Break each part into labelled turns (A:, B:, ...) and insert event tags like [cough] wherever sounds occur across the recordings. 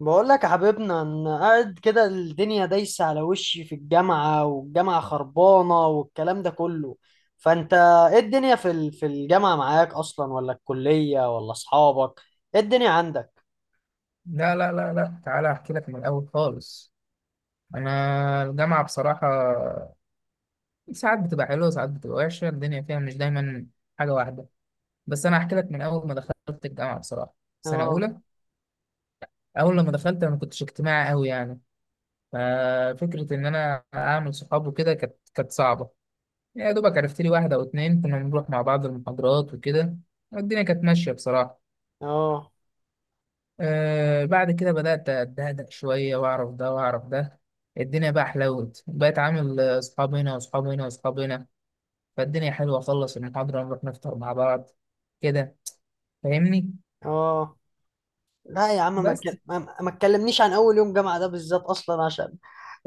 A: بقول لك يا حبيبنا، انا قاعد كده الدنيا دايسه على وشي في الجامعه، والجامعه خربانه والكلام ده كله. فانت ايه الدنيا في في الجامعه معاك اصلا، ولا الكليه ولا اصحابك؟ ايه الدنيا عندك؟
B: لا لا لا لا، تعالى احكي لك من الاول خالص. انا الجامعه بصراحه ساعات بتبقى حلوه، ساعات بتبقى وحشه. الدنيا فيها مش دايما حاجه واحده. بس انا احكي لك من اول ما دخلت الجامعه بصراحه. سنه
A: اه.
B: اولى اول لما دخلت انا ما كنتش اجتماعي قوي يعني. ففكره ان انا اعمل صحاب وكده كانت صعبه. يا دوبك عرفت لي واحده او اتنين، كنا بنروح مع بعض المحاضرات وكده. والدنيا كانت ماشيه بصراحه.
A: اه.
B: بعد كده بدأت أتهدأ شوية، وأعرف ده وأعرف ده. الدنيا بقى حلوت، بقيت عامل أصحاب هنا وأصحاب هنا وأصحاب هنا. فالدنيا حلوة، أخلص المحاضرة نروح نفطر مع بعض. كده، فاهمني؟
A: اه. لا يا عم، ما
B: بس
A: تك- ما ما تكلمنيش عن اول يوم جامعه ده بالذات، اصلا عشان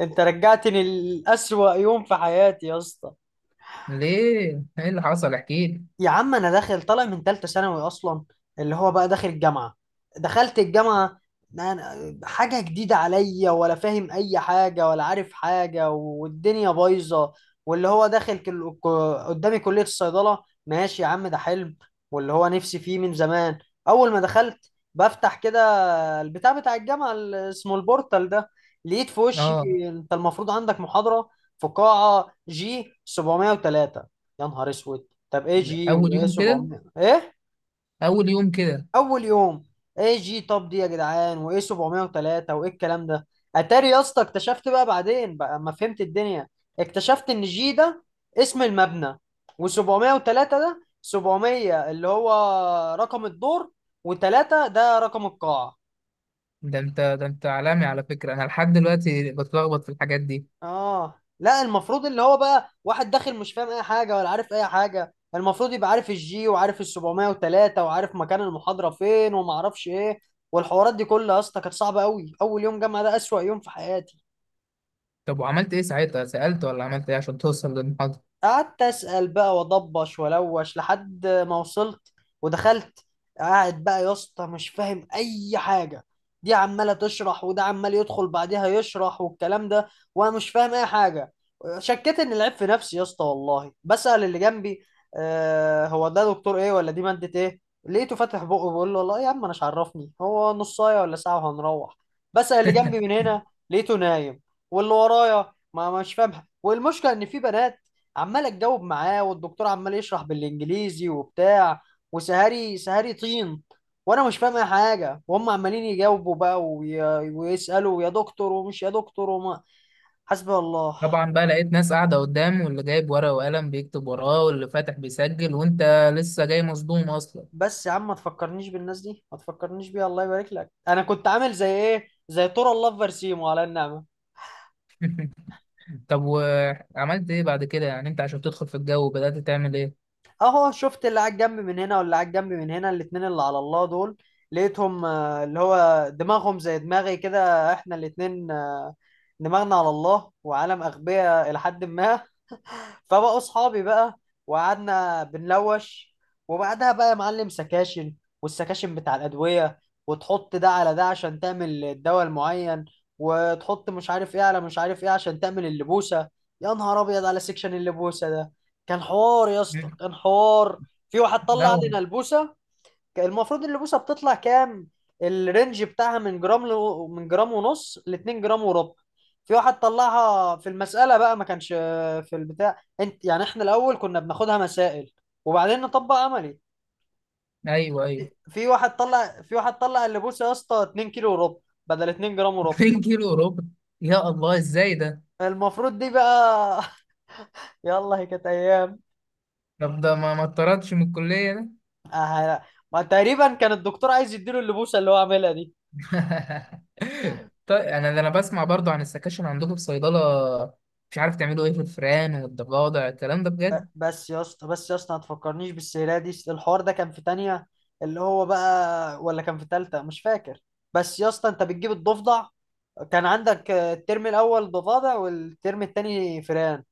A: انت رجعتني لأسوأ يوم في حياتي يا اسطى.
B: ليه؟ إيه اللي حصل؟ احكيلي.
A: يا عم انا داخل طالع من ثالثه ثانوي اصلا، اللي هو بقى داخل الجامعه. دخلت الجامعه، أنا حاجه جديده عليا، ولا فاهم اي حاجه ولا عارف حاجه، والدنيا بايظه. واللي هو داخل قدامي كليه الصيدله، ماشي يا عم ده حلم واللي هو نفسي فيه من زمان. اول ما دخلت بفتح كده البتاع بتاع الجامعه اللي اسمه البورتال ده، لقيت في وشي:
B: آه،
A: انت المفروض عندك محاضره في قاعه جي 703. يا نهار اسود، طب اي جي
B: أول
A: وايه
B: يوم كده.
A: 700 ايه؟
B: أول يوم كده.
A: اول يوم، اي جي؟ طب دي يا جدعان وايه 703 وايه الكلام ده؟ اتاري يا اسطى اكتشفت بقى بعدين بقى، ما فهمت الدنيا، اكتشفت ان جي ده اسم المبنى، و703 ده 700 اللي هو رقم الدور، و3 ده رقم القاعة.
B: ده أنت عالمي على فكرة، أنا لحد دلوقتي بتلخبط في الحاجات دي.
A: اه. لا، المفروض اللي هو بقى واحد داخل مش فاهم اي حاجه ولا عارف اي حاجه، المفروض يبقى عارف الجي وعارف ال 703 وعارف مكان المحاضره فين وما اعرفش ايه، والحوارات دي كلها يا اسطى كانت صعبه قوي. اول يوم جامعه ده اسوأ يوم في حياتي.
B: طب وعملت إيه ساعتها؟ سألت ولا عملت إيه عشان توصل للمحاضرة؟
A: قعدت اسال بقى واضبش والوش لحد ما وصلت ودخلت. قاعد بقى يا اسطى مش فاهم اي حاجه، دي عماله تشرح وده عمال يدخل بعدها يشرح والكلام ده، وانا مش فاهم اي حاجه. شكيت ان العيب في نفسي يا اسطى، والله بسال اللي جنبي: آه هو ده دكتور ايه، ولا دي ماده ايه؟ لقيته فاتح بقه بيقول له والله يا عم انا مش عرفني هو نصايه ولا ساعه وهنروح. بسال اللي جنبي من هنا، لقيته نايم. واللي ورايا ما مش فاهمها، والمشكله ان في بنات عمال اتجاوب معاه، والدكتور عمال يشرح بالانجليزي وبتاع، وسهري سهري طين، وانا مش فاهم اي حاجه، وهم عمالين يجاوبوا بقى ويسالوا يا دكتور ومش يا دكتور وما، حسبي الله.
B: طبعا بقى لقيت ناس قاعدة قدام، واللي جايب ورقة وقلم بيكتب وراه، واللي فاتح بيسجل، وانت لسه جاي مصدوم اصلا.
A: بس يا عم ما تفكرنيش بالناس دي، ما تفكرنيش بيها الله يبارك لك، انا كنت عامل زي ايه، زي تورا الله في برسيمو على النعمه.
B: طب وعملت ايه بعد كده؟ يعني انت عشان تدخل في الجو بدأت تعمل ايه؟
A: اهو شفت اللي على الجنب من هنا واللي على الجنب من هنا، الاتنين اللي على الله دول، لقيتهم اللي هو دماغهم زي دماغي كده، احنا الاتنين دماغنا على الله وعالم اغبياء الى حد ما، فبقوا اصحابي بقى وقعدنا بنلوش. وبعدها بقى يا معلم سكاشن، والسكاشن بتاع الادويه، وتحط ده على ده عشان تعمل الدواء المعين، وتحط مش عارف ايه على مش عارف ايه عشان تعمل اللبوسه. يا نهار ابيض على سكشن اللبوسه ده، كان حوار يا اسطى
B: مم.
A: كان حوار. في واحد طلع
B: لا.
A: علينا البوسه. المفروض اللبوسه بتطلع كام؟ الرينج بتاعها من جرام من جرام ونص ل 2 جرام وربع. في واحد طلعها في المسألة بقى، ما كانش في البتاع، انت يعني احنا الأول كنا بناخدها مسائل وبعدين نطبق عملي.
B: ايوه، ايوه.
A: في واحد طلع اللبوسة يا اسطى 2 كيلو وربع، بدل 2 جرام
B: [laughs]
A: وربع.
B: 2 كيلو وربع! يا الله ازاي ده؟
A: المفروض دي بقى [laughs] يلا، هي كانت أيام.
B: طب ده ما اتطردش من الكلية ده؟
A: آه، تقريبا كان الدكتور عايز يديله اللبوسة اللي هو عاملها دي.
B: [laughs] طيب، انا ده انا بسمع برضو عن السكاشن عندكم في صيدلة. مش عارف تعملوا ايه في الفئران والضفادع الكلام ده بجد؟
A: بس يا اسطى ما تفكرنيش بالسيرة دي، الحوار ده كان في تانية اللي هو بقى، ولا كان في تالتة مش فاكر. بس يا اسطى انت بتجيب الضفدع، كان عندك الترم الاول ضفادع والترم التاني فئران.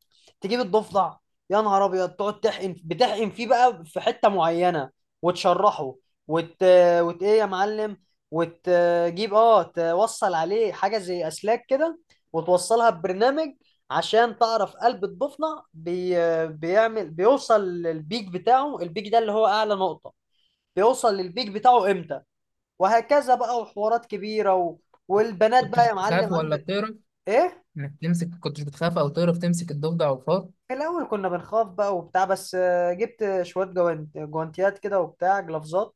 A: تجيب الضفدع، يا نهار ابيض، تقعد بتحقن فيه بقى في حته معينه وتشرحه وت... وت ايه يا معلم، وتجيب اه توصل عليه حاجه زي اسلاك كده وتوصلها ببرنامج عشان تعرف قلب الضفدع بيعمل بيوصل للبيك بتاعه، البيك ده اللي هو اعلى نقطه، بيوصل للبيك بتاعه امتى، وهكذا بقى وحوارات كبيره و، والبنات
B: كنت
A: بقى يا
B: بتخاف
A: معلم
B: ولا
A: عندك،
B: بتهرب؟
A: ايه.
B: انك تمسك، كنتش بتخاف او تعرف تمسك الضفدع والفار؟
A: في الاول كنا بنخاف بقى وبتاع، بس جبت شويه جوانتيات كده وبتاع جلافزات،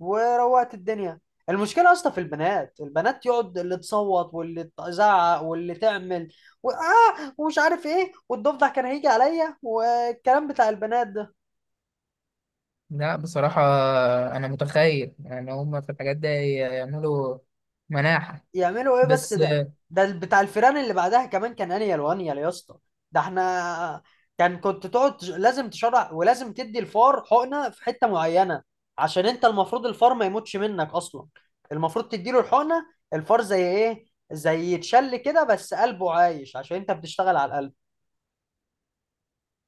A: وروقت الدنيا. المشكله اصلا في البنات، البنات يقعد اللي تصوت واللي تزعق واللي تعمل و ومش عارف ايه، والضفدع كان هيجي عليا والكلام بتاع البنات ده
B: لا بصراحة، انا متخيل يعني هما في الحاجات دي يعملوا مناحة.
A: يعملوا ايه بس
B: بس
A: ده. ده بتاع الفيران اللي بعدها كمان كان انيل وانيل يا اسطى، ده احنا كان كنت تقعد لازم تشرع ولازم تدي الفار حقنه في حته معينه، عشان انت المفروض الفار ما يموتش منك اصلا، المفروض تديله الحقنه. الفار زي ايه، زي يتشل كده، بس قلبه عايش عشان انت بتشتغل على القلب.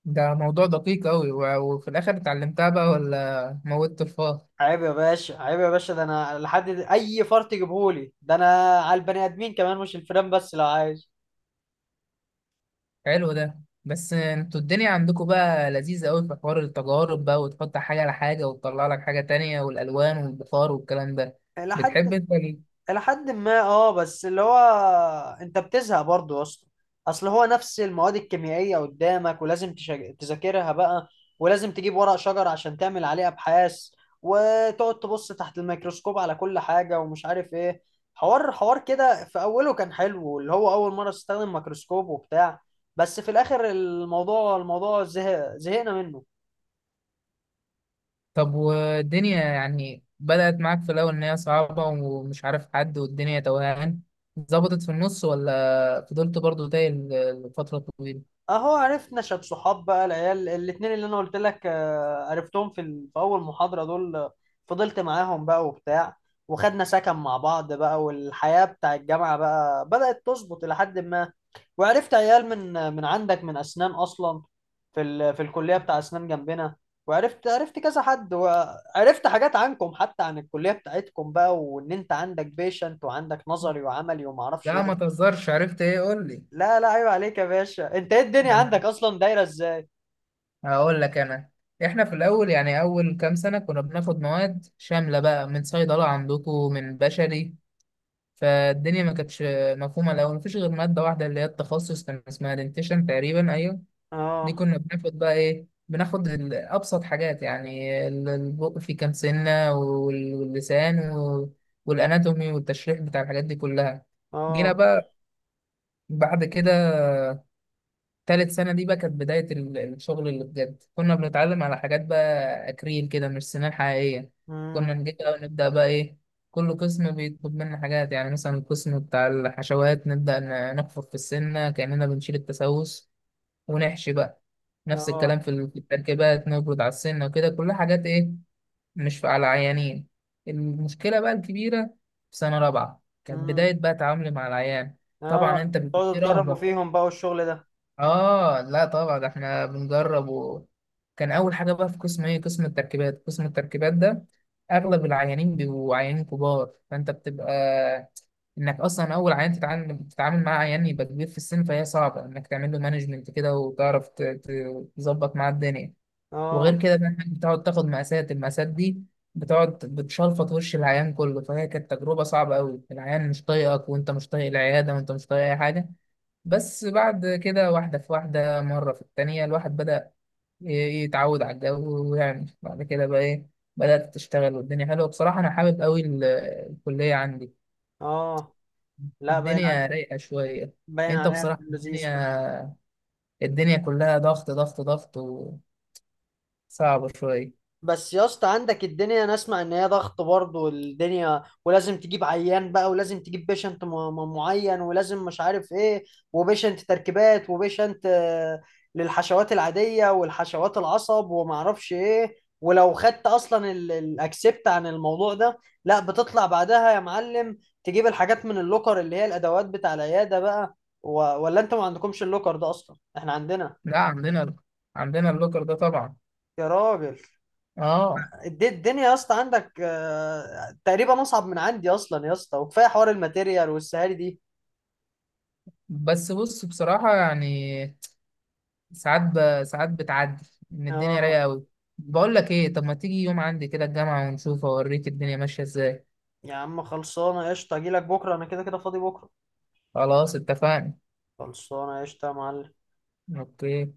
B: ده موضوع دقيق قوي. وفي الاخر اتعلمتها بقى ولا موتت الفار؟
A: عيب يا باشا، عيب يا باشا، ده انا لحد اي فار تجيبهولي ده انا، على البني ادمين كمان مش الفيران بس، لو عايش.
B: حلو ده. بس انتوا الدنيا عندكم بقى لذيذة قوي في حوار التجارب بقى، وتحط حاجة على حاجة وتطلع لك حاجة تانية، والالوان والبخار والكلام ده.
A: لحد
B: بتحب انت؟
A: الى حد ما اه، بس اللي هو انت بتزهق برضه يا اسطى. اصل هو نفس المواد الكيميائيه قدامك ولازم تذاكرها بقى، ولازم تجيب ورق شجر عشان تعمل عليه ابحاث، وتقعد تبص تحت الميكروسكوب على كل حاجه ومش عارف ايه. حوار حوار كده، في اوله كان حلو اللي هو اول مره تستخدم ميكروسكوب وبتاع، بس في الاخر الموضوع زهق، زهقنا منه.
B: طب والدنيا يعني بدأت معاك في الأول إن هي صعبة، ومش عارف حد، والدنيا توهان. ظبطت في النص ولا فضلت برضو تايه لفترة طويلة؟
A: اهو عرفنا شاب صحاب بقى، العيال الاتنين اللي انا قلت لك عرفتهم في في اول محاضرة دول، فضلت معاهم بقى وبتاع، وخدنا سكن مع بعض بقى، والحياة بتاع الجامعة بقى بدأت تظبط إلى حد ما. وعرفت عيال من عندك، من أسنان أصلا، في في الكلية بتاع أسنان جنبنا. عرفت كذا حد، وعرفت حاجات عنكم حتى، عن الكلية بتاعتكم بقى، وإن أنت عندك بيشنت وعندك نظري وعملي ومعرفش
B: لا
A: إيه.
B: ما تهزرش، عرفت إيه؟ قول لي.
A: لا لا عيب عليك يا باشا، أنت إيه الدنيا عندك
B: نعم.
A: أصلا دايرة إزاي؟
B: هقول لك أنا. إحنا في الأول يعني أول كام سنة كنا بناخد مواد شاملة بقى من صيدلة عندكم من بشري. فالدنيا ما كانتش مفهومة الأول. مفيش غير مادة واحدة اللي هي التخصص، كان اسمها دنتيشن تقريبا، أيوه. دي
A: اه.
B: كنا بناخد بقى ايه، بناخد ابسط حاجات، يعني البق في كام سنه، واللسان والاناتومي والتشريح بتاع الحاجات دي كلها. جينا
A: اه.
B: بقى بعد كده، تالت سنه دي بقى كانت بدايه الشغل اللي بجد. كنا بنتعلم على حاجات بقى اكريل كده، مش سنان حقيقيه.
A: امم.
B: كنا نجي بقى ونبدا بقى ايه، كل قسم بيطلب منا حاجات. يعني مثلا القسم بتاع الحشوات، نبدا نحفر في السنه كاننا بنشيل التسوس ونحشي بقى. نفس
A: اه.
B: الكلام في في التركيبات، نبرد على السنة وكده، كلها حاجات ايه، مش على عيانين. المشكلة بقى الكبيرة في سنة رابعة كانت
A: امم.
B: بداية بقى تعاملي مع العيان.
A: اه.
B: طبعا انت بيبقى
A: تقعدوا
B: في
A: تجربوا
B: رهبة.
A: فيهم بقى والشغل ده؟
B: اه لا طبعا احنا بنجرب. وكان اول حاجه بقى في قسم ايه، قسم التركيبات. قسم التركيبات ده اغلب العيانين بيبقوا عيانين كبار، فانت بتبقى انك اصلا اول عيان بتتعامل مع عيان يبقى كبير في السن، فهي صعبه انك تعمل له مانجمنت كده، وتعرف تظبط معاه الدنيا. وغير
A: اه.
B: كده بقى انك بتقعد تاخد مقاسات. المقاسات دي بتقعد بتشلفط وش العيان كله، فهي كانت تجربه صعبه قوي، العيان مش طايقك، وانت مش طايق العياده، وانت مش طايق اي حاجه. بس بعد كده واحدة في واحدة، مرة في التانية، الواحد بدأ ي- يتعود على الجو، ويعمل بعد كده بقى إيه، بدأت تشتغل، والدنيا حلوة. بصراحة أنا حابب أوي الكلية عندي.
A: اه. لا باين على،
B: الدنيا رايقة شوية.
A: باين
B: أنت
A: عليها في
B: بصراحة
A: اللذيذ.
B: الدنيا كلها ضغط ضغط ضغط، وصعبة شوية.
A: بس يا اسطى، عندك الدنيا انا اسمع ان هي ضغط برضه، والدنيا ولازم تجيب عيان بقى، ولازم تجيب بيشنت معين، ولازم مش عارف ايه، وبيشنت تركيبات وبيشنت للحشوات العادية والحشوات العصب ومعرفش ايه. ولو خدت اصلا الاكسبت عن الموضوع ده، لا بتطلع بعدها يا معلم، تجيب الحاجات من اللوكر اللي هي الادوات بتاع العيادة بقى و، ولا انتوا ما عندكمش اللوكر ده اصلا؟ احنا عندنا.
B: لا عندنا اللوكر ده طبعا.
A: يا راجل.
B: آه.
A: الدنيا يا اسطى عندك تقريبا اصعب من عندي اصلا يا اسطى، وكفايه حوار الماتيريال والسهاري دي.
B: بس بص بصراحة يعني، ساعات ساعات بتعدي ان الدنيا
A: اه.
B: رايقه قوي. بقول لك ايه، طب ما تيجي يوم عندي كده الجامعه ونشوف، اوريك الدنيا ماشيه ازاي.
A: يا عم خلصانه قشطه، اجي لك بكره انا، كده كده فاضي بكره.
B: خلاص اتفقنا.
A: خلصانه قشطه يا معلم.
B: اوكي.